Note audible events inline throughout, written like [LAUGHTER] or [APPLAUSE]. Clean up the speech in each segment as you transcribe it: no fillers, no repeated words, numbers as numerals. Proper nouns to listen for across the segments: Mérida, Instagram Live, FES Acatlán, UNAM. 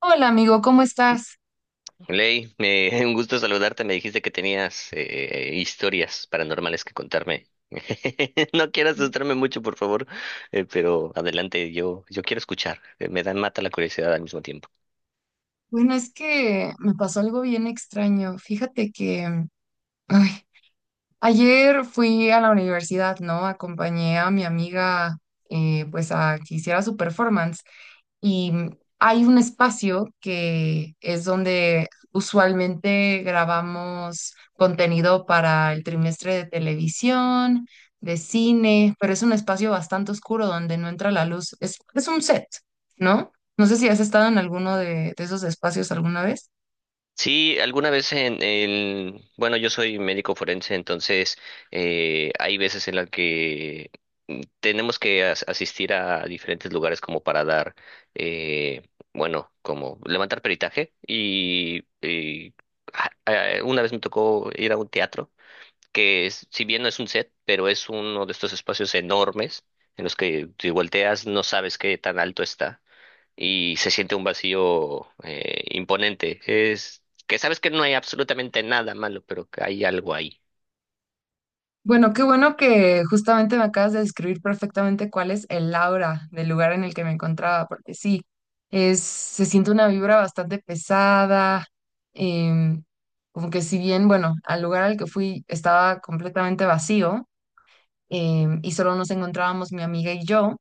Hola amigo, ¿cómo estás? Ley, [LAUGHS] un gusto saludarte. Me dijiste que tenías historias paranormales que contarme. [LAUGHS] No quiero asustarme mucho, por favor, pero adelante, yo quiero escuchar. Me dan mata la curiosidad al mismo tiempo. Bueno, es que me pasó algo bien extraño. Fíjate que ay, ayer fui a la universidad, ¿no? Acompañé a mi amiga pues a que hiciera su performance y hay un espacio que es donde usualmente grabamos contenido para el trimestre de televisión, de cine, pero es un espacio bastante oscuro donde no entra la luz. Es un set, ¿no? No sé si has estado en alguno de esos espacios alguna vez. Sí, alguna vez en bueno, yo soy médico forense, entonces hay veces en las que tenemos que asistir a diferentes lugares como para dar, eh, bueno, como levantar peritaje y, una vez me tocó ir a un teatro que si bien no es un set, pero es uno de estos espacios enormes en los que si volteas no sabes qué tan alto está y se siente un vacío imponente. Es que sabes que no hay absolutamente nada malo, pero que hay algo ahí. Bueno, qué bueno que justamente me acabas de describir perfectamente cuál es el aura del lugar en el que me encontraba, porque sí, es, se siente una vibra bastante pesada. em, Como que si bien, bueno, al lugar al que fui estaba completamente vacío, y solo nos encontrábamos mi amiga y yo,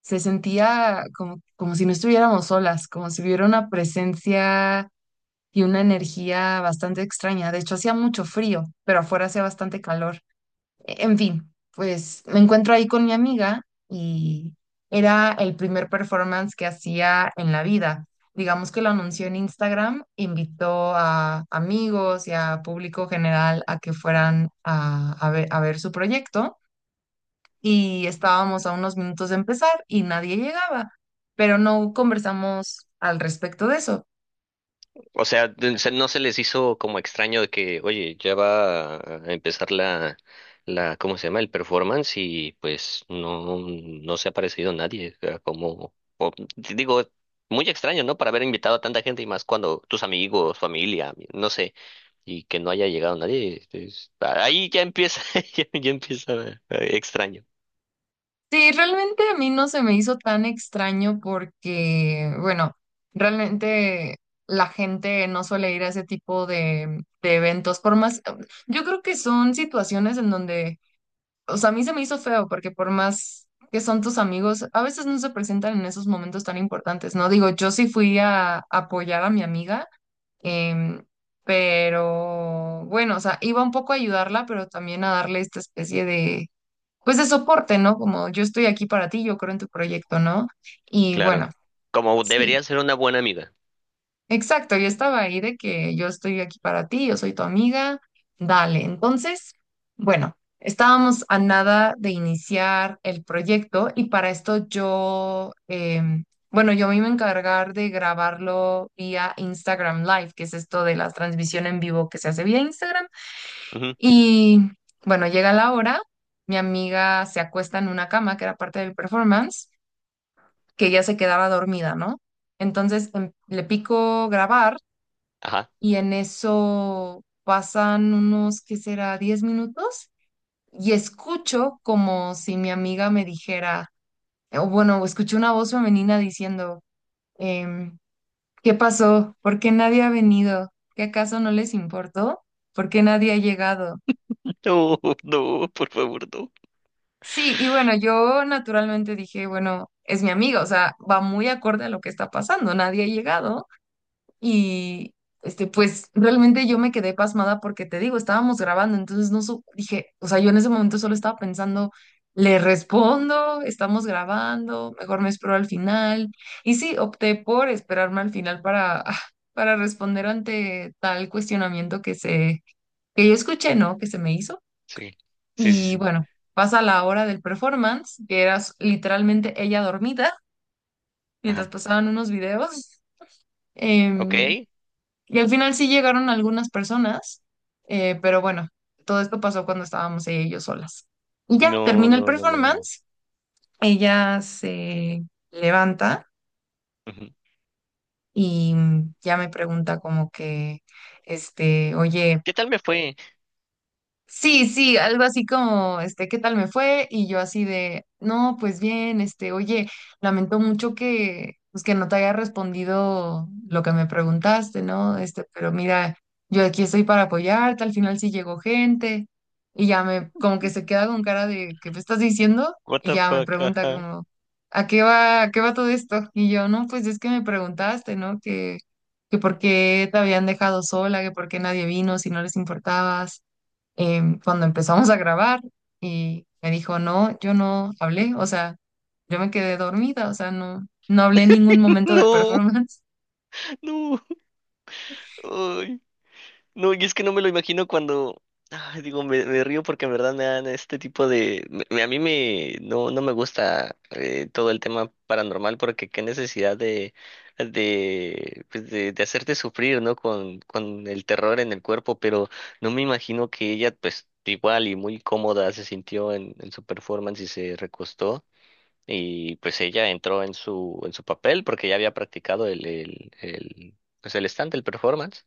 se sentía como, como si no estuviéramos solas, como si hubiera una presencia y una energía bastante extraña. De hecho, hacía mucho frío, pero afuera hacía bastante calor. En fin, pues me encuentro ahí con mi amiga y era el primer performance que hacía en la vida. Digamos que lo anunció en Instagram, invitó a amigos y a público general a que fueran a ver su proyecto y estábamos a unos minutos de empezar y nadie llegaba, pero no conversamos al respecto de eso. O sea, no se les hizo como extraño de que, oye, ya va a empezar la, ¿cómo se llama? El performance y pues no, no se ha aparecido nadie. O sea, como, digo, muy extraño, ¿no? Para haber invitado a tanta gente y más cuando tus amigos, familia, no sé, y que no haya llegado nadie. Ahí ya empieza, [LAUGHS] ya empieza extraño. Sí, realmente a mí no se me hizo tan extraño porque, bueno, realmente la gente no suele ir a ese tipo de eventos, por más, yo creo que son situaciones en donde, o sea, a mí se me hizo feo porque por más que son tus amigos, a veces no se presentan en esos momentos tan importantes, ¿no? Digo, yo sí fui a apoyar a mi amiga, em, pero bueno, o sea, iba un poco a ayudarla, pero también a darle esta especie de pues de soporte, ¿no? Como yo estoy aquí para ti, yo creo en tu proyecto, ¿no? Y bueno, Claro. Como sí, debería ser una buena amiga. exacto, yo estaba ahí de que yo estoy aquí para ti, yo soy tu amiga, dale. Entonces, bueno, estábamos a nada de iniciar el proyecto y para esto yo, bueno, yo me iba a encargar de grabarlo vía Instagram Live, que es esto de la transmisión en vivo que se hace vía Instagram. Ujú. Y bueno, llega la hora, mi amiga se acuesta en una cama que era parte de mi performance, que ella se quedaba dormida, ¿no? Entonces le pico grabar Ajá. y en eso pasan unos, ¿qué será? Diez minutos y escucho como si mi amiga me dijera, o bueno, escuché una voz femenina diciendo, em, ¿qué pasó? ¿Por qué nadie ha venido? ¿Qué acaso no les importó? ¿Por qué nadie ha llegado? [LAUGHS] No, no, por favor, no. Sí, y bueno, yo naturalmente dije, bueno, es mi amiga, o sea, va muy acorde a lo que está pasando, nadie ha llegado y este, pues realmente yo me quedé pasmada porque te digo, estábamos grabando, entonces no su- dije, o sea, yo en ese momento solo estaba pensando, le respondo, estamos grabando, mejor me espero al final. Y sí, opté por esperarme al final para, [LAUGHS] para responder ante tal cuestionamiento que yo escuché, ¿no? Que se me hizo. Sí, sí, sí, Y sí. bueno, pasa la hora del performance, que era literalmente ella dormida, mientras Ajá. pasaban unos videos. em, Ok. y al final sí llegaron algunas personas, pero bueno, todo esto pasó cuando estábamos ella y yo solas. Y ya No, termina el no, no, no, no. performance, ella se levanta Ujú. y ya me pregunta como que, este, oye. ¿Qué tal me fue? Sí, sí, algo así como, este, ¿qué tal me fue? Y yo así de, no, pues bien, este, oye, lamento mucho que, pues que no te haya respondido lo que me preguntaste, ¿no? Este, pero mira, yo aquí estoy para apoyarte, al final sí llegó gente, y ya me, como que se queda con cara de, ¿qué me estás diciendo? What Y the ya me fuck, pregunta ajá. como, a qué va todo esto? Y yo, no, pues es que me preguntaste, ¿no? Que por qué te habían dejado sola, que por qué nadie vino, si no les importabas cuando empezamos a grabar y me dijo, no, yo no hablé, o sea, yo me quedé dormida, o sea, no, no hablé en ningún [LAUGHS] momento del No, performance. [LAUGHS] no. Ay. No, y es que no me lo imagino cuando, ay, digo, me río porque en verdad me dan este tipo de, a mí me, no, no me gusta todo el tema paranormal porque qué necesidad de, pues de hacerte sufrir, ¿no? Con el terror en el cuerpo, pero no me imagino que ella, pues, igual y muy cómoda se sintió en su performance y se recostó. Y pues ella entró en su papel porque ya había practicado el, pues el stand, el performance.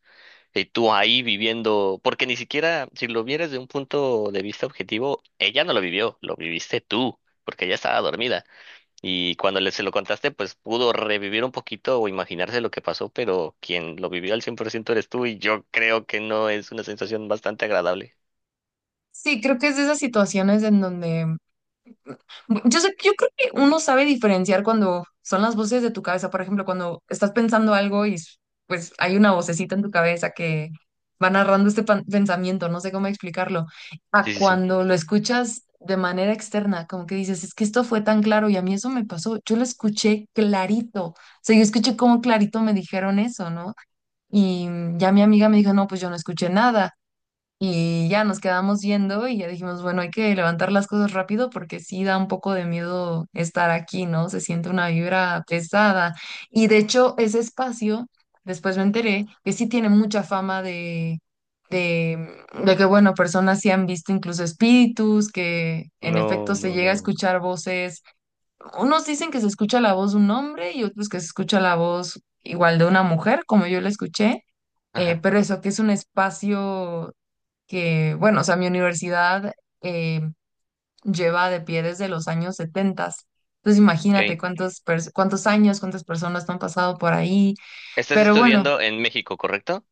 Y tú ahí viviendo, porque ni siquiera, si lo vieras de un punto de vista objetivo, ella no lo vivió, lo viviste tú, porque ella estaba dormida. Y cuando se lo contaste, pues pudo revivir un poquito o imaginarse lo que pasó, pero quien lo vivió al 100% eres tú y yo creo que no es una sensación bastante agradable. Sí, creo que es de esas situaciones en donde yo sé, yo creo que uno sabe diferenciar cuando son las voces de tu cabeza, por ejemplo, cuando estás pensando algo pues hay una vocecita en tu cabeza que va narrando este pensamiento, no sé cómo explicarlo, a Sí, sí, sí. cuando lo escuchas de manera externa, como que dices, es que esto fue tan claro y a mí eso me pasó, yo lo escuché clarito, o sea, yo escuché cómo clarito me dijeron eso, ¿no? Y ya mi amiga me dijo, no, pues yo no escuché nada. Y ya nos quedamos yendo y ya dijimos, bueno, hay que levantar las cosas rápido porque sí da un poco de miedo estar aquí, ¿no? Se siente una vibra pesada. Y de hecho, ese espacio, después me enteré que sí tiene mucha fama de que, bueno, personas sí han visto incluso espíritus, que en No, efecto se no, llega a no. escuchar voces. Unos dicen que se escucha la voz de un hombre y otros que se escucha la voz igual de una mujer, como yo la escuché. Ajá. Pero eso, que es un espacio que, bueno, o sea, mi universidad eh, lleva de pie desde los años 70. Entonces imagínate Ok. Cuántos años, cuántas personas no han pasado por ahí. Estás Pero bueno, estudiando en México, ¿correcto?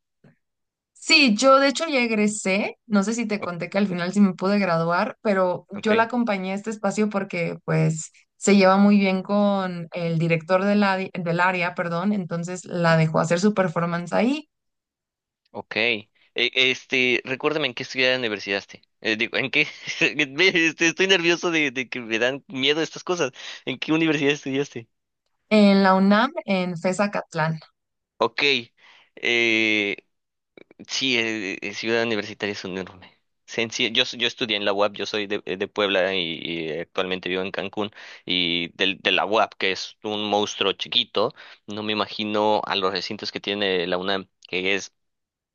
sí, yo de hecho ya egresé. No sé si te O- conté que al final sí me pude graduar, pero Ok. yo la acompañé a este espacio porque pues se lleva muy bien con el director de la del área, perdón. Entonces la dejó hacer su performance ahí Ok. Este, recuérdame en qué estudiar universidaste. Digo, ¿en qué? [LAUGHS] Estoy nervioso de que me dan miedo estas cosas. ¿En qué universidad estudiaste? en la UNAM, en FES Acatlán. Ok. Eh, sí, ciudad universitaria es un enorme. Yo estudié en la UAP, yo soy de Puebla y actualmente vivo en Cancún. Y de la UAP, que es un monstruo chiquito, no me imagino a los recintos que tiene la UNAM, que es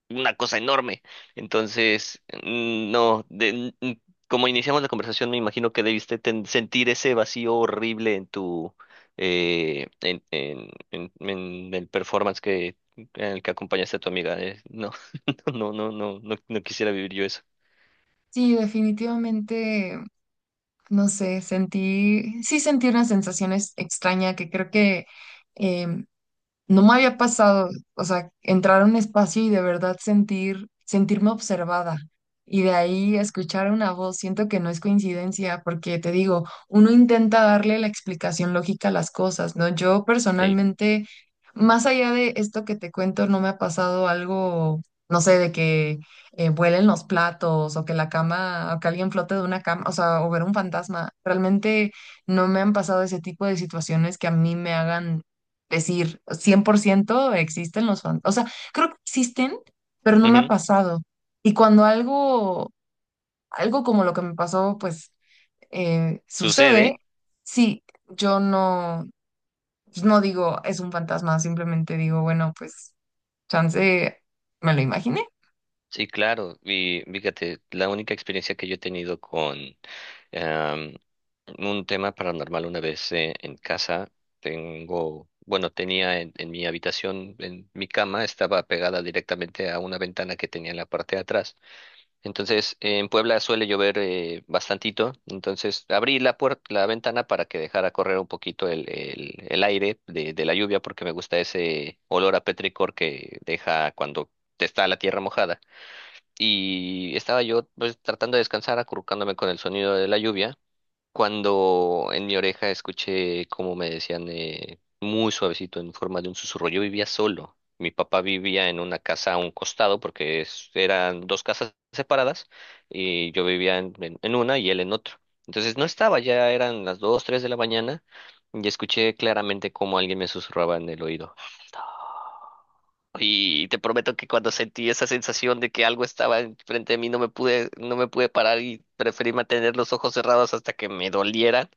una cosa enorme. Entonces, mm, no, de- mm, como iniciamos la conversación, me imagino que debiste sentir ese vacío horrible en tu, en el performance en el que acompañaste a tu amiga. No, [LAUGHS] no, no, no, no, no quisiera vivir yo eso. Sí, definitivamente. No sé, sí sentí una sensación extraña que creo que em, no me había pasado, o sea, entrar a un espacio y de verdad sentir, sentirme observada. Y de ahí escuchar una voz, siento que no es coincidencia, porque te digo, uno intenta darle la explicación lógica a las cosas, ¿no? Yo Sí. personalmente, más allá de esto que te cuento, no me ha pasado algo, no sé, de que vuelen los platos o que la cama, o que alguien flote de una cama, o sea, o ver un fantasma. Realmente no me han pasado ese tipo de situaciones que a mí me hagan decir 100% existen los fantasmas. O sea, creo que existen, pero no me ha Ujú. pasado. Y cuando algo, algo como lo que me pasó, pues Sucede. sucede, sí, yo no, pues, no digo es un fantasma, simplemente digo, bueno, pues chance me lo imaginé. Sí, claro. Y fíjate, la única experiencia que yo he tenido con em, un tema paranormal una vez en casa, bueno, tenía en mi habitación, en mi cama, estaba pegada directamente a una ventana que tenía en la parte de atrás. Entonces, en Puebla suele llover bastantito, entonces abrí la puerta, la ventana para que dejara correr un poquito el aire de la lluvia porque me gusta ese olor a petricor que deja cuando está la tierra mojada y estaba yo pues tratando de descansar, acurrucándome con el sonido de la lluvia, cuando en mi oreja escuché como me decían muy suavecito en forma de un susurro. Yo vivía solo. Mi papá vivía en una casa a un costado porque eran dos casas separadas y yo vivía en, en una y él en otro. Entonces no estaba, ya eran las dos, tres de la mañana y escuché claramente cómo alguien me susurraba en el oído. Y te prometo que cuando sentí esa sensación de que algo estaba enfrente de mí, no me pude, no me pude parar y preferí mantener los ojos cerrados hasta que me dolieran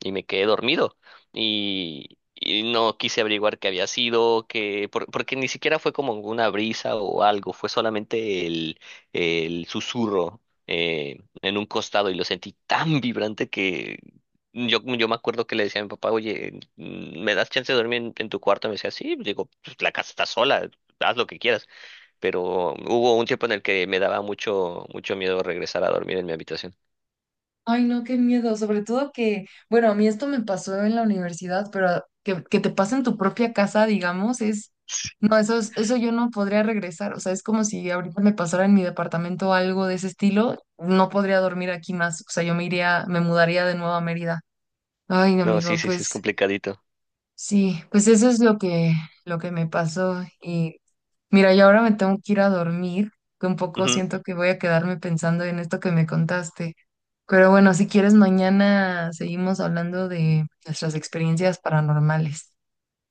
y me quedé dormido. Y no quise averiguar qué había sido, que, porque ni siquiera fue como una brisa o algo, fue solamente el susurro en un costado y lo sentí tan vibrante que yo me acuerdo que le decía a mi papá, oye, ¿me das chance de dormir en tu cuarto? Me decía, sí, digo, "Pues, la casa está sola, haz lo que quieras. Pero hubo un tiempo en el que me daba mucho, mucho miedo regresar a dormir en mi habitación. Ay, no, qué miedo. Sobre todo que, bueno, a mí esto me pasó en la universidad, pero que te pase en tu propia casa, digamos, es, no, eso yo no podría regresar. O sea, es como si ahorita me pasara en mi departamento algo de ese estilo, no podría dormir aquí más. O sea, yo me iría, me mudaría de nuevo a Mérida. Ay, No, sí, amigo, sí, sí, es pues. complicadito. Sí, pues eso es lo que me pasó. Y mira, yo ahora me tengo que ir a dormir, que un poco Ujú. siento que voy a quedarme pensando en esto que me contaste. Pero bueno, si quieres, mañana seguimos hablando de nuestras experiencias paranormales.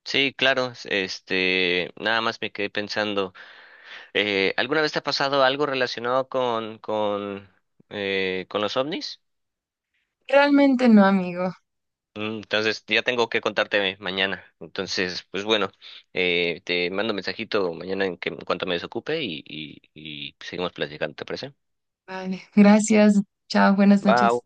Sí, claro, este, nada más me quedé pensando, ¿alguna vez te ha pasado algo relacionado con los ovnis? Realmente no, amigo. Entonces, ya tengo que contarte mañana. Entonces, pues bueno, te mando mensajito mañana en que en cuanto me desocupe y seguimos platicando, ¿te parece? Vale, gracias. Chao, buenas Va, noches.